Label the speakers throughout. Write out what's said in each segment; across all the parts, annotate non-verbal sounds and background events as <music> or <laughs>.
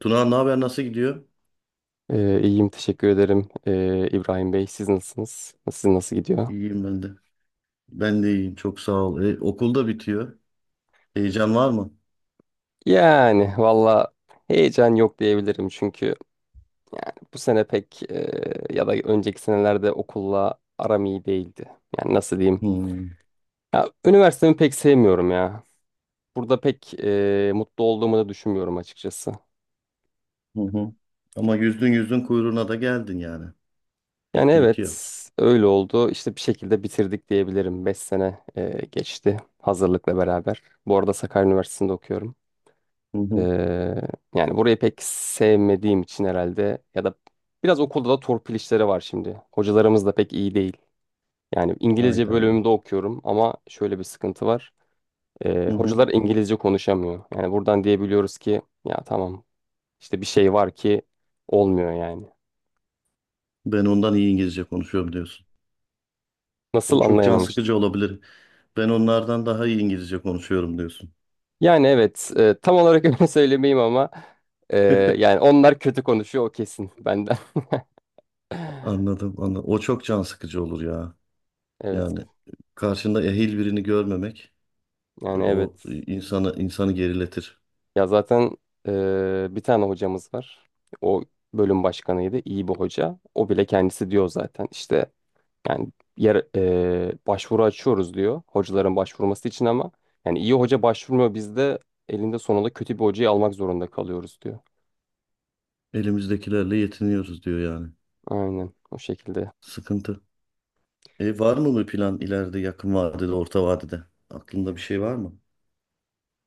Speaker 1: Tuna ne haber nasıl gidiyor?
Speaker 2: İyiyim teşekkür ederim, İbrahim Bey. Siz nasılsınız? Sizin nasıl gidiyor?
Speaker 1: İyiyim ben de. Ben de iyiyim çok sağ ol. Okul da bitiyor. Heyecan var mı?
Speaker 2: Yani valla heyecan yok diyebilirim, çünkü yani bu sene pek, ya da önceki senelerde okulla aram iyi değildi. Yani nasıl diyeyim?
Speaker 1: Hmm.
Speaker 2: Ya, üniversitemi pek sevmiyorum ya. Burada pek mutlu olduğumu da düşünmüyorum açıkçası.
Speaker 1: Hı hı. Ama yüzdün yüzdün kuyruğuna da geldin yani.
Speaker 2: Yani
Speaker 1: Bitti bitiyor.
Speaker 2: evet, öyle oldu. İşte bir şekilde bitirdik diyebilirim. 5 sene geçti, hazırlıkla beraber. Bu arada Sakarya Üniversitesi'nde okuyorum.
Speaker 1: Hı
Speaker 2: Ee,
Speaker 1: hı.
Speaker 2: Yani burayı pek sevmediğim için herhalde, ya da biraz okulda da torpil işleri var şimdi. Hocalarımız da pek iyi değil. Yani İngilizce
Speaker 1: Hayda.
Speaker 2: bölümümde okuyorum ama şöyle bir sıkıntı var.
Speaker 1: Hı hı.
Speaker 2: Hocalar İngilizce konuşamıyor. Yani buradan diyebiliyoruz ki ya tamam, işte bir şey var ki olmuyor yani.
Speaker 1: Ben ondan iyi İngilizce konuşuyorum diyorsun.
Speaker 2: Nasıl
Speaker 1: O çok can
Speaker 2: anlayamamıştım.
Speaker 1: sıkıcı olabilir. Ben onlardan daha iyi İngilizce konuşuyorum diyorsun.
Speaker 2: Yani evet, tam olarak öyle <laughs> söylemeyeyim ama e, yani
Speaker 1: <laughs>
Speaker 2: onlar kötü konuşuyor, o kesin, benden. <laughs>
Speaker 1: Anladım, anladım. O çok can sıkıcı olur ya.
Speaker 2: Evet,
Speaker 1: Yani karşında ehil birini görmemek
Speaker 2: yani evet.
Speaker 1: o insanı geriletir.
Speaker 2: Ya zaten bir tane hocamız var. O bölüm başkanıydı. İyi bir hoca. O bile kendisi diyor zaten. İşte yani, başvuru açıyoruz diyor. Hocaların başvurması için ama yani iyi hoca başvurmuyor. Biz de elinde sonunda kötü bir hocayı almak zorunda kalıyoruz diyor.
Speaker 1: Elimizdekilerle yetiniyoruz diyor yani.
Speaker 2: Aynen o şekilde.
Speaker 1: Sıkıntı. Var mı bir plan ileride yakın vadede, orta vadede? Aklında bir şey var mı?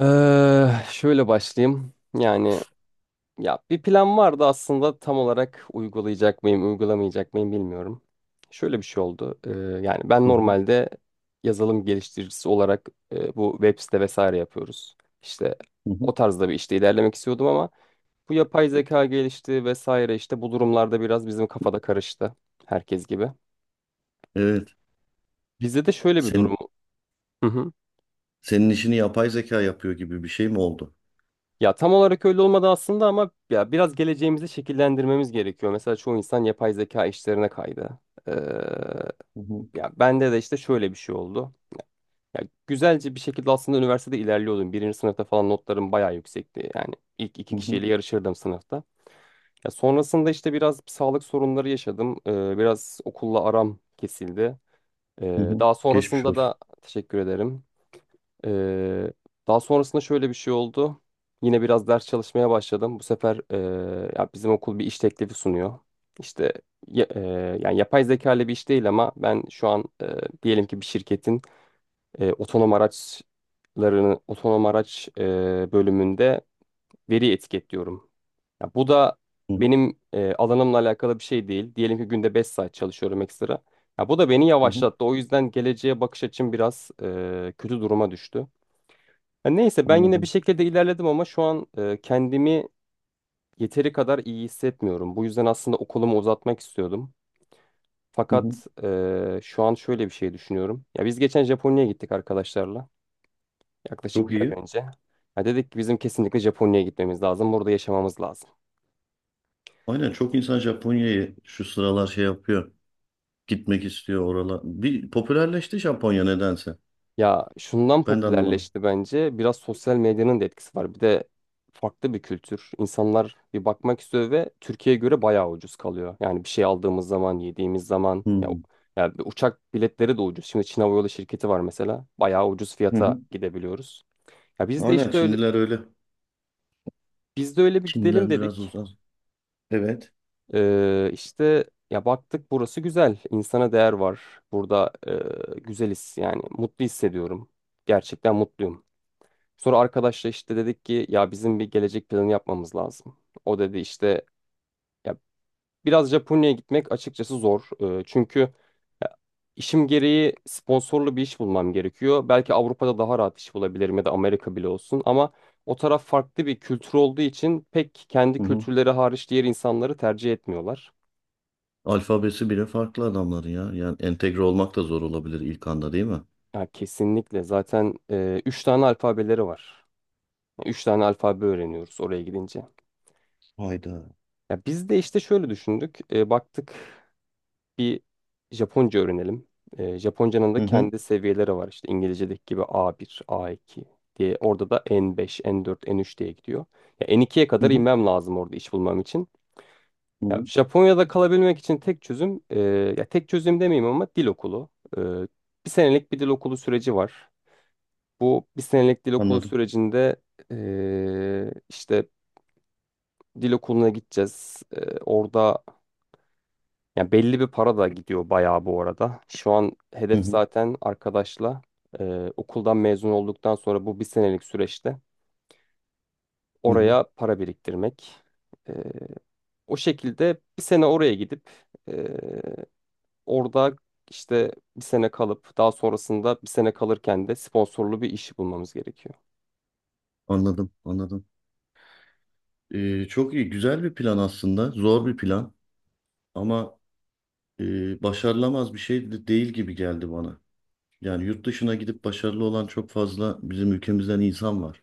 Speaker 2: Şöyle başlayayım. Yani ya, bir plan vardı aslında, tam olarak uygulayacak mıyım, uygulamayacak mıyım bilmiyorum. Şöyle bir şey oldu. Yani ben
Speaker 1: Hı hı,
Speaker 2: normalde yazılım geliştiricisi olarak, bu web site vesaire yapıyoruz. İşte
Speaker 1: hı
Speaker 2: o
Speaker 1: hı.
Speaker 2: tarzda bir işte ilerlemek istiyordum ama bu yapay zeka gelişti vesaire, işte bu durumlarda biraz bizim kafada karıştı, herkes gibi.
Speaker 1: Evet.
Speaker 2: Bizde de şöyle bir durum.
Speaker 1: Sen,
Speaker 2: Hı hı.
Speaker 1: senin işini yapay zeka yapıyor gibi bir şey mi oldu?
Speaker 2: Ya tam olarak öyle olmadı aslında ama ya biraz geleceğimizi şekillendirmemiz gerekiyor. Mesela çoğu insan yapay zeka işlerine kaydı.
Speaker 1: Hı hı,
Speaker 2: Ya bende de işte şöyle bir şey oldu. Ya güzelce bir şekilde aslında üniversitede ilerliyordum. Birinci sınıfta falan notlarım bayağı yüksekti. Yani ilk iki
Speaker 1: hı hı,
Speaker 2: kişiyle yarışırdım sınıfta. Ya sonrasında işte biraz sağlık sorunları yaşadım. Biraz okulla aram kesildi.
Speaker 1: hı hı.
Speaker 2: Daha
Speaker 1: Geçmiş
Speaker 2: sonrasında
Speaker 1: olsun.
Speaker 2: da. Teşekkür ederim. Ee, Daha sonrasında şöyle bir şey oldu. Yine biraz ders çalışmaya başladım. Bu sefer ya bizim okul bir iş teklifi sunuyor. İşte ya- e, yani yapay zeka ile bir iş değil ama ben şu an, diyelim ki bir şirketin, otonom araçlarını, otonom araç bölümünde veri etiketliyorum. Ya bu da
Speaker 1: Hı hı,
Speaker 2: benim alanımla alakalı bir şey değil. Diyelim ki günde 5 saat çalışıyorum ekstra. Ya bu da beni
Speaker 1: hı hı.
Speaker 2: yavaşlattı. O yüzden geleceğe bakış açım biraz kötü duruma düştü. Ya neyse, ben yine bir
Speaker 1: Anladım.
Speaker 2: şekilde ilerledim ama şu an kendimi yeteri kadar iyi hissetmiyorum. Bu yüzden aslında okulumu uzatmak istiyordum.
Speaker 1: Hı hı.
Speaker 2: Fakat şu an şöyle bir şey düşünüyorum. Ya biz geçen Japonya'ya gittik arkadaşlarla. Yaklaşık
Speaker 1: Çok
Speaker 2: bir ay
Speaker 1: iyi.
Speaker 2: önce. Ya dedik ki bizim kesinlikle Japonya'ya gitmemiz lazım. Burada yaşamamız lazım.
Speaker 1: Aynen çok insan Japonya'yı şu sıralar şey yapıyor. Gitmek istiyor oralar. Bir popülerleşti Japonya nedense.
Speaker 2: Ya şundan
Speaker 1: Ben de anlamadım.
Speaker 2: popülerleşti bence. Biraz sosyal medyanın da etkisi var. Bir de farklı bir kültür. İnsanlar bir bakmak istiyor ve Türkiye'ye göre bayağı ucuz kalıyor. Yani bir şey aldığımız zaman, yediğimiz zaman
Speaker 1: Hı
Speaker 2: ya,
Speaker 1: hı.
Speaker 2: ya bir uçak biletleri de ucuz. Şimdi Çin Hava Yolu şirketi var mesela. Bayağı ucuz
Speaker 1: Hı
Speaker 2: fiyata
Speaker 1: hı.
Speaker 2: gidebiliyoruz. Ya biz de
Speaker 1: Aynen
Speaker 2: işte öyle
Speaker 1: Çinliler öyle.
Speaker 2: Biz de öyle bir gidelim
Speaker 1: Çinliler biraz
Speaker 2: dedik.
Speaker 1: uzak. Evet.
Speaker 2: Ee, işte Ya baktık, burası güzel. İnsana değer var. Burada güzeliz yani. Mutlu hissediyorum. Gerçekten mutluyum. Sonra arkadaşla işte dedik ki ya bizim bir gelecek planı yapmamız lazım. O dedi işte, ya biraz Japonya'ya gitmek açıkçası zor. Çünkü ya, işim gereği sponsorlu bir iş bulmam gerekiyor. Belki Avrupa'da daha rahat iş bulabilirim ya da Amerika bile olsun ama o taraf farklı bir kültür olduğu için pek, kendi
Speaker 1: Hı hı.
Speaker 2: kültürleri hariç, diğer insanları tercih etmiyorlar.
Speaker 1: Alfabesi bile farklı adamların ya. Yani entegre olmak da zor olabilir ilk anda değil mi?
Speaker 2: Ya kesinlikle. Zaten üç tane alfabeleri var. Üç tane alfabe öğreniyoruz oraya gidince.
Speaker 1: Hayda.
Speaker 2: Ya biz de işte şöyle düşündük. Baktık, bir Japonca öğrenelim. Japonca'nın
Speaker 1: Hı
Speaker 2: da
Speaker 1: hı.
Speaker 2: kendi seviyeleri var. İşte İngilizce'deki gibi A1, A2 diye. Orada da N5, N4, N3 diye gidiyor. Ya N2'ye
Speaker 1: Hı
Speaker 2: kadar
Speaker 1: hı.
Speaker 2: inmem lazım orada iş bulmam için.
Speaker 1: Hı
Speaker 2: Ya
Speaker 1: hı.
Speaker 2: Japonya'da kalabilmek için tek çözüm, ya tek çözüm demeyeyim ama, dil okulu. E, Bir senelik bir dil okulu süreci var. Bu bir senelik dil okulu
Speaker 1: Anladım.
Speaker 2: sürecinde işte dil okuluna gideceğiz. Orada, yani belli bir para da gidiyor bayağı, bu arada. Şu an
Speaker 1: Hı
Speaker 2: hedef
Speaker 1: hı.
Speaker 2: zaten arkadaşla, okuldan mezun olduktan sonra bu bir senelik süreçte
Speaker 1: Hı hı.
Speaker 2: oraya para biriktirmek. Eee, O şekilde bir sene oraya gidip, eee, orada işte bir sene kalıp, daha sonrasında bir sene kalırken de sponsorlu bir işi bulmamız gerekiyor.
Speaker 1: Anladım. Anladım. Çok iyi. Güzel bir plan aslında. Zor bir plan. Ama başarılamaz bir şey de değil gibi geldi bana. Yani yurt dışına gidip başarılı olan çok fazla bizim ülkemizden insan var.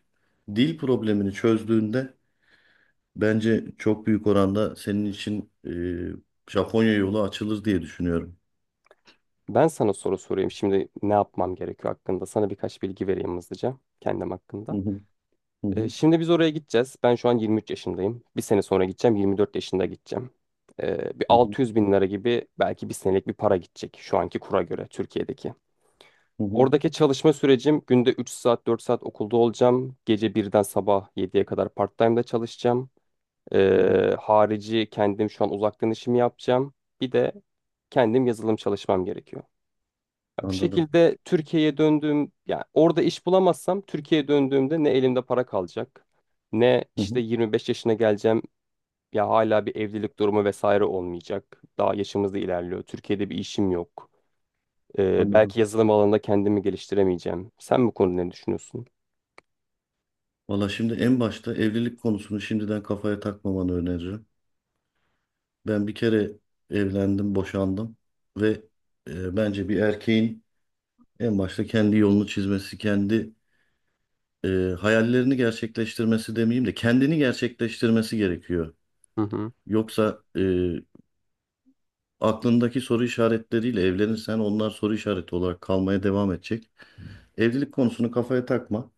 Speaker 1: Dil problemini çözdüğünde bence çok büyük oranda senin için Japonya yolu açılır diye düşünüyorum.
Speaker 2: Ben sana soru sorayım. Şimdi ne yapmam gerekiyor hakkında? Sana birkaç bilgi vereyim hızlıca kendim hakkında.
Speaker 1: Hı hı, hı hı,
Speaker 2: Şimdi biz oraya gideceğiz. Ben şu an 23 yaşındayım. Bir sene sonra gideceğim. 24 yaşında gideceğim. Bir
Speaker 1: hı hı,
Speaker 2: 600 bin lira gibi belki, bir senelik bir para gidecek, şu anki kura göre, Türkiye'deki.
Speaker 1: hı hı,
Speaker 2: Oradaki çalışma sürecim, günde 3 saat 4 saat okulda olacağım. Gece birden sabah 7'ye kadar part-time'da çalışacağım.
Speaker 1: hı hı.
Speaker 2: Harici, kendim şu an uzaktan işimi yapacağım. Bir de kendim yazılım çalışmam gerekiyor. Ya bu
Speaker 1: Anladım.
Speaker 2: şekilde Türkiye'ye döndüğüm, yani orada iş bulamazsam Türkiye'ye döndüğümde, ne elimde para kalacak, ne
Speaker 1: Hı
Speaker 2: işte
Speaker 1: hı,
Speaker 2: 25 yaşına geleceğim, ya hala bir evlilik durumu vesaire olmayacak. Daha yaşımız da ilerliyor. Türkiye'de bir işim yok.
Speaker 1: anladım.
Speaker 2: Belki yazılım alanında kendimi geliştiremeyeceğim. Sen bu konuda ne düşünüyorsun?
Speaker 1: Valla şimdi en başta evlilik konusunu şimdiden kafaya takmamanı öneririm. Ben bir kere evlendim, boşandım ve bence bir erkeğin en başta kendi yolunu çizmesi, kendi e, hayallerini gerçekleştirmesi demeyeyim de kendini gerçekleştirmesi gerekiyor.
Speaker 2: Hı hı.
Speaker 1: Yoksa aklındaki soru işaretleriyle evlenirsen onlar soru işareti olarak kalmaya devam edecek. Evlilik konusunu kafaya takma.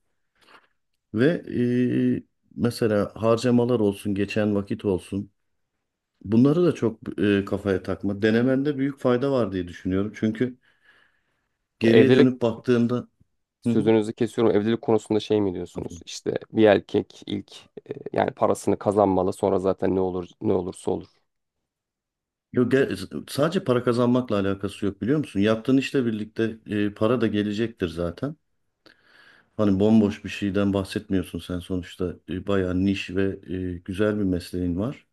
Speaker 1: Ve e, mesela harcamalar olsun, geçen vakit olsun. Bunları da çok kafaya takma. Denemende büyük fayda var diye düşünüyorum. Çünkü
Speaker 2: Ya
Speaker 1: geriye
Speaker 2: evlilik
Speaker 1: dönüp baktığında. Hı hı.
Speaker 2: Sözünüzü kesiyorum. Evlilik konusunda şey mi diyorsunuz?
Speaker 1: Afiyet.
Speaker 2: İşte bir erkek ilk yani parasını kazanmalı, sonra zaten ne olur ne olursa olur.
Speaker 1: Yok, sadece para kazanmakla alakası yok biliyor musun? Yaptığın işle birlikte para da gelecektir zaten. Hani bomboş bir şeyden bahsetmiyorsun sen sonuçta. Bayağı niş ve güzel bir mesleğin var.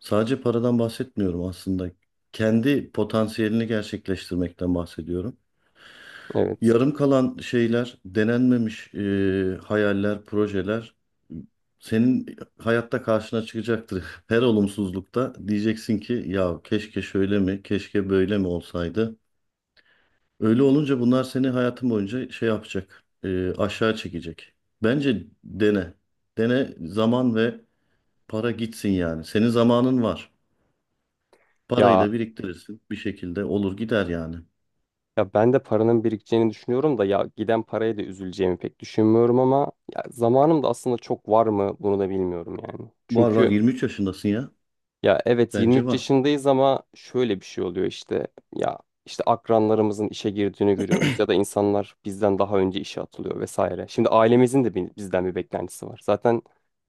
Speaker 1: Sadece paradan bahsetmiyorum aslında. Kendi potansiyelini gerçekleştirmekten bahsediyorum.
Speaker 2: Evet.
Speaker 1: Yarım kalan şeyler, denenmemiş hayaller, projeler senin hayatta karşına çıkacaktır. <laughs> Her olumsuzlukta diyeceksin ki ya keşke şöyle mi, keşke böyle mi olsaydı. Öyle olunca bunlar seni hayatın boyunca şey yapacak, aşağı çekecek. Bence dene. Dene zaman ve para gitsin yani. Senin zamanın var. Parayı
Speaker 2: Ya
Speaker 1: da biriktirirsin. Bir şekilde olur gider yani.
Speaker 2: Ya ben de paranın birikeceğini düşünüyorum da, ya giden paraya da üzüleceğimi pek düşünmüyorum ama, ya zamanım da aslında çok var mı, bunu da bilmiyorum yani.
Speaker 1: Var var
Speaker 2: Çünkü
Speaker 1: 23 yaşındasın ya.
Speaker 2: ya evet,
Speaker 1: Bence
Speaker 2: 23
Speaker 1: var.
Speaker 2: yaşındayız ama şöyle bir şey oluyor işte, ya işte akranlarımızın işe girdiğini görüyoruz ya da insanlar bizden daha önce işe atılıyor vesaire. Şimdi ailemizin de bizden bir beklentisi var. Zaten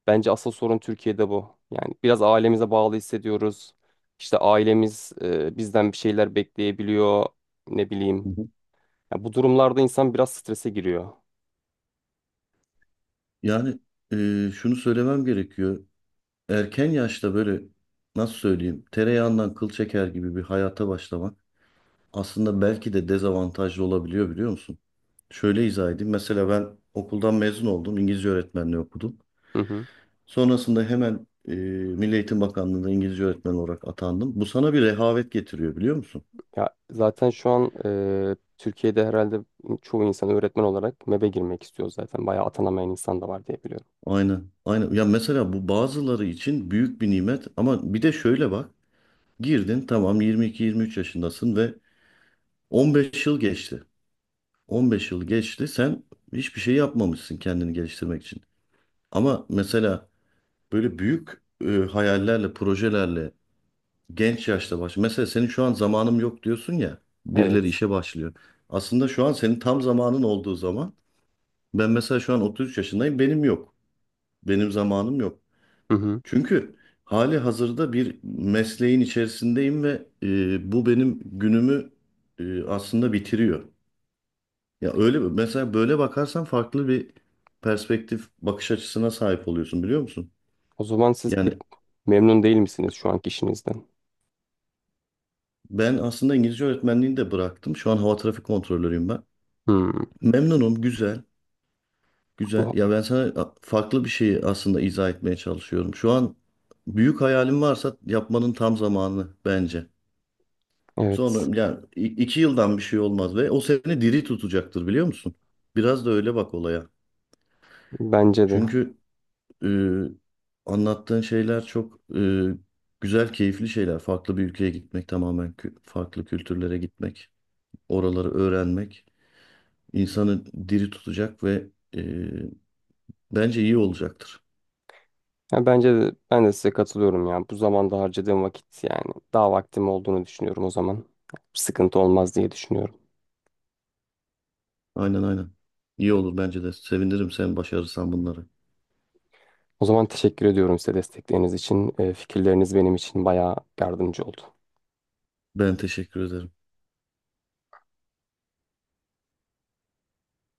Speaker 2: bence asıl sorun Türkiye'de bu. Yani biraz ailemize bağlı hissediyoruz. İşte ailemiz bizden bir şeyler bekleyebiliyor, ne bileyim, ya bu durumlarda insan biraz strese giriyor.
Speaker 1: Yani şunu söylemem gerekiyor. Erken yaşta böyle nasıl söyleyeyim tereyağından kıl çeker gibi bir hayata başlamak aslında belki de dezavantajlı olabiliyor biliyor musun? Şöyle izah edeyim. Mesela ben okuldan mezun oldum. İngilizce öğretmenliği okudum.
Speaker 2: Hı hı.
Speaker 1: Sonrasında hemen Milli Eğitim Bakanlığı'nda İngilizce öğretmen olarak atandım. Bu sana bir rehavet getiriyor biliyor musun?
Speaker 2: Ya zaten şu an Türkiye'de herhalde çoğu insan öğretmen olarak MEB'e girmek istiyor zaten. Bayağı atanamayan insan da var diye biliyorum.
Speaker 1: Aynen. Aynen. Ya mesela bu bazıları için büyük bir nimet ama bir de şöyle bak. Girdin tamam 22-23 yaşındasın ve 15 yıl geçti. 15 yıl geçti. Sen hiçbir şey yapmamışsın kendini geliştirmek için. Ama mesela böyle büyük hayallerle, projelerle genç yaşta baş. Mesela senin şu an zamanım yok diyorsun ya. Birileri
Speaker 2: Evet.
Speaker 1: işe başlıyor. Aslında şu an senin tam zamanın olduğu zaman. Ben mesela şu an 33 yaşındayım. Benim yok. Benim zamanım yok.
Speaker 2: Hı hı.
Speaker 1: Çünkü hali hazırda bir mesleğin içerisindeyim ve bu benim günümü aslında bitiriyor. Ya öyle mesela böyle bakarsan farklı bir perspektif bakış açısına sahip oluyorsun biliyor musun?
Speaker 2: O zaman siz
Speaker 1: Yani
Speaker 2: pek memnun değil misiniz şu anki işinizden?
Speaker 1: ben aslında İngilizce öğretmenliğini de bıraktım. Şu an hava trafik kontrolörüyüm ben.
Speaker 2: Hmm.
Speaker 1: Memnunum, güzel, güzel.
Speaker 2: Bu-
Speaker 1: Ya ben sana farklı bir şeyi aslında izah etmeye çalışıyorum. Şu an büyük hayalim varsa yapmanın tam zamanı bence.
Speaker 2: Evet.
Speaker 1: Sonra yani 2 yıldan bir şey olmaz ve o seni diri tutacaktır biliyor musun? Biraz da öyle bak olaya.
Speaker 2: Bence de.
Speaker 1: Çünkü Ee, anlattığın şeyler çok güzel, keyifli şeyler. Farklı bir ülkeye gitmek, tamamen farklı kültürlere gitmek, oraları öğrenmek insanı diri tutacak ve e, bence iyi olacaktır.
Speaker 2: Ya bence de, ben de size katılıyorum ya. Bu zamanda harcadığım vakit, yani daha vaktim olduğunu düşünüyorum o zaman. Sıkıntı olmaz diye düşünüyorum.
Speaker 1: Aynen aynen. İyi olur bence de. Sevinirim sen başarırsan bunları.
Speaker 2: O zaman teşekkür ediyorum size destekleriniz için. Fikirleriniz benim için bayağı yardımcı oldu.
Speaker 1: Ben teşekkür ederim.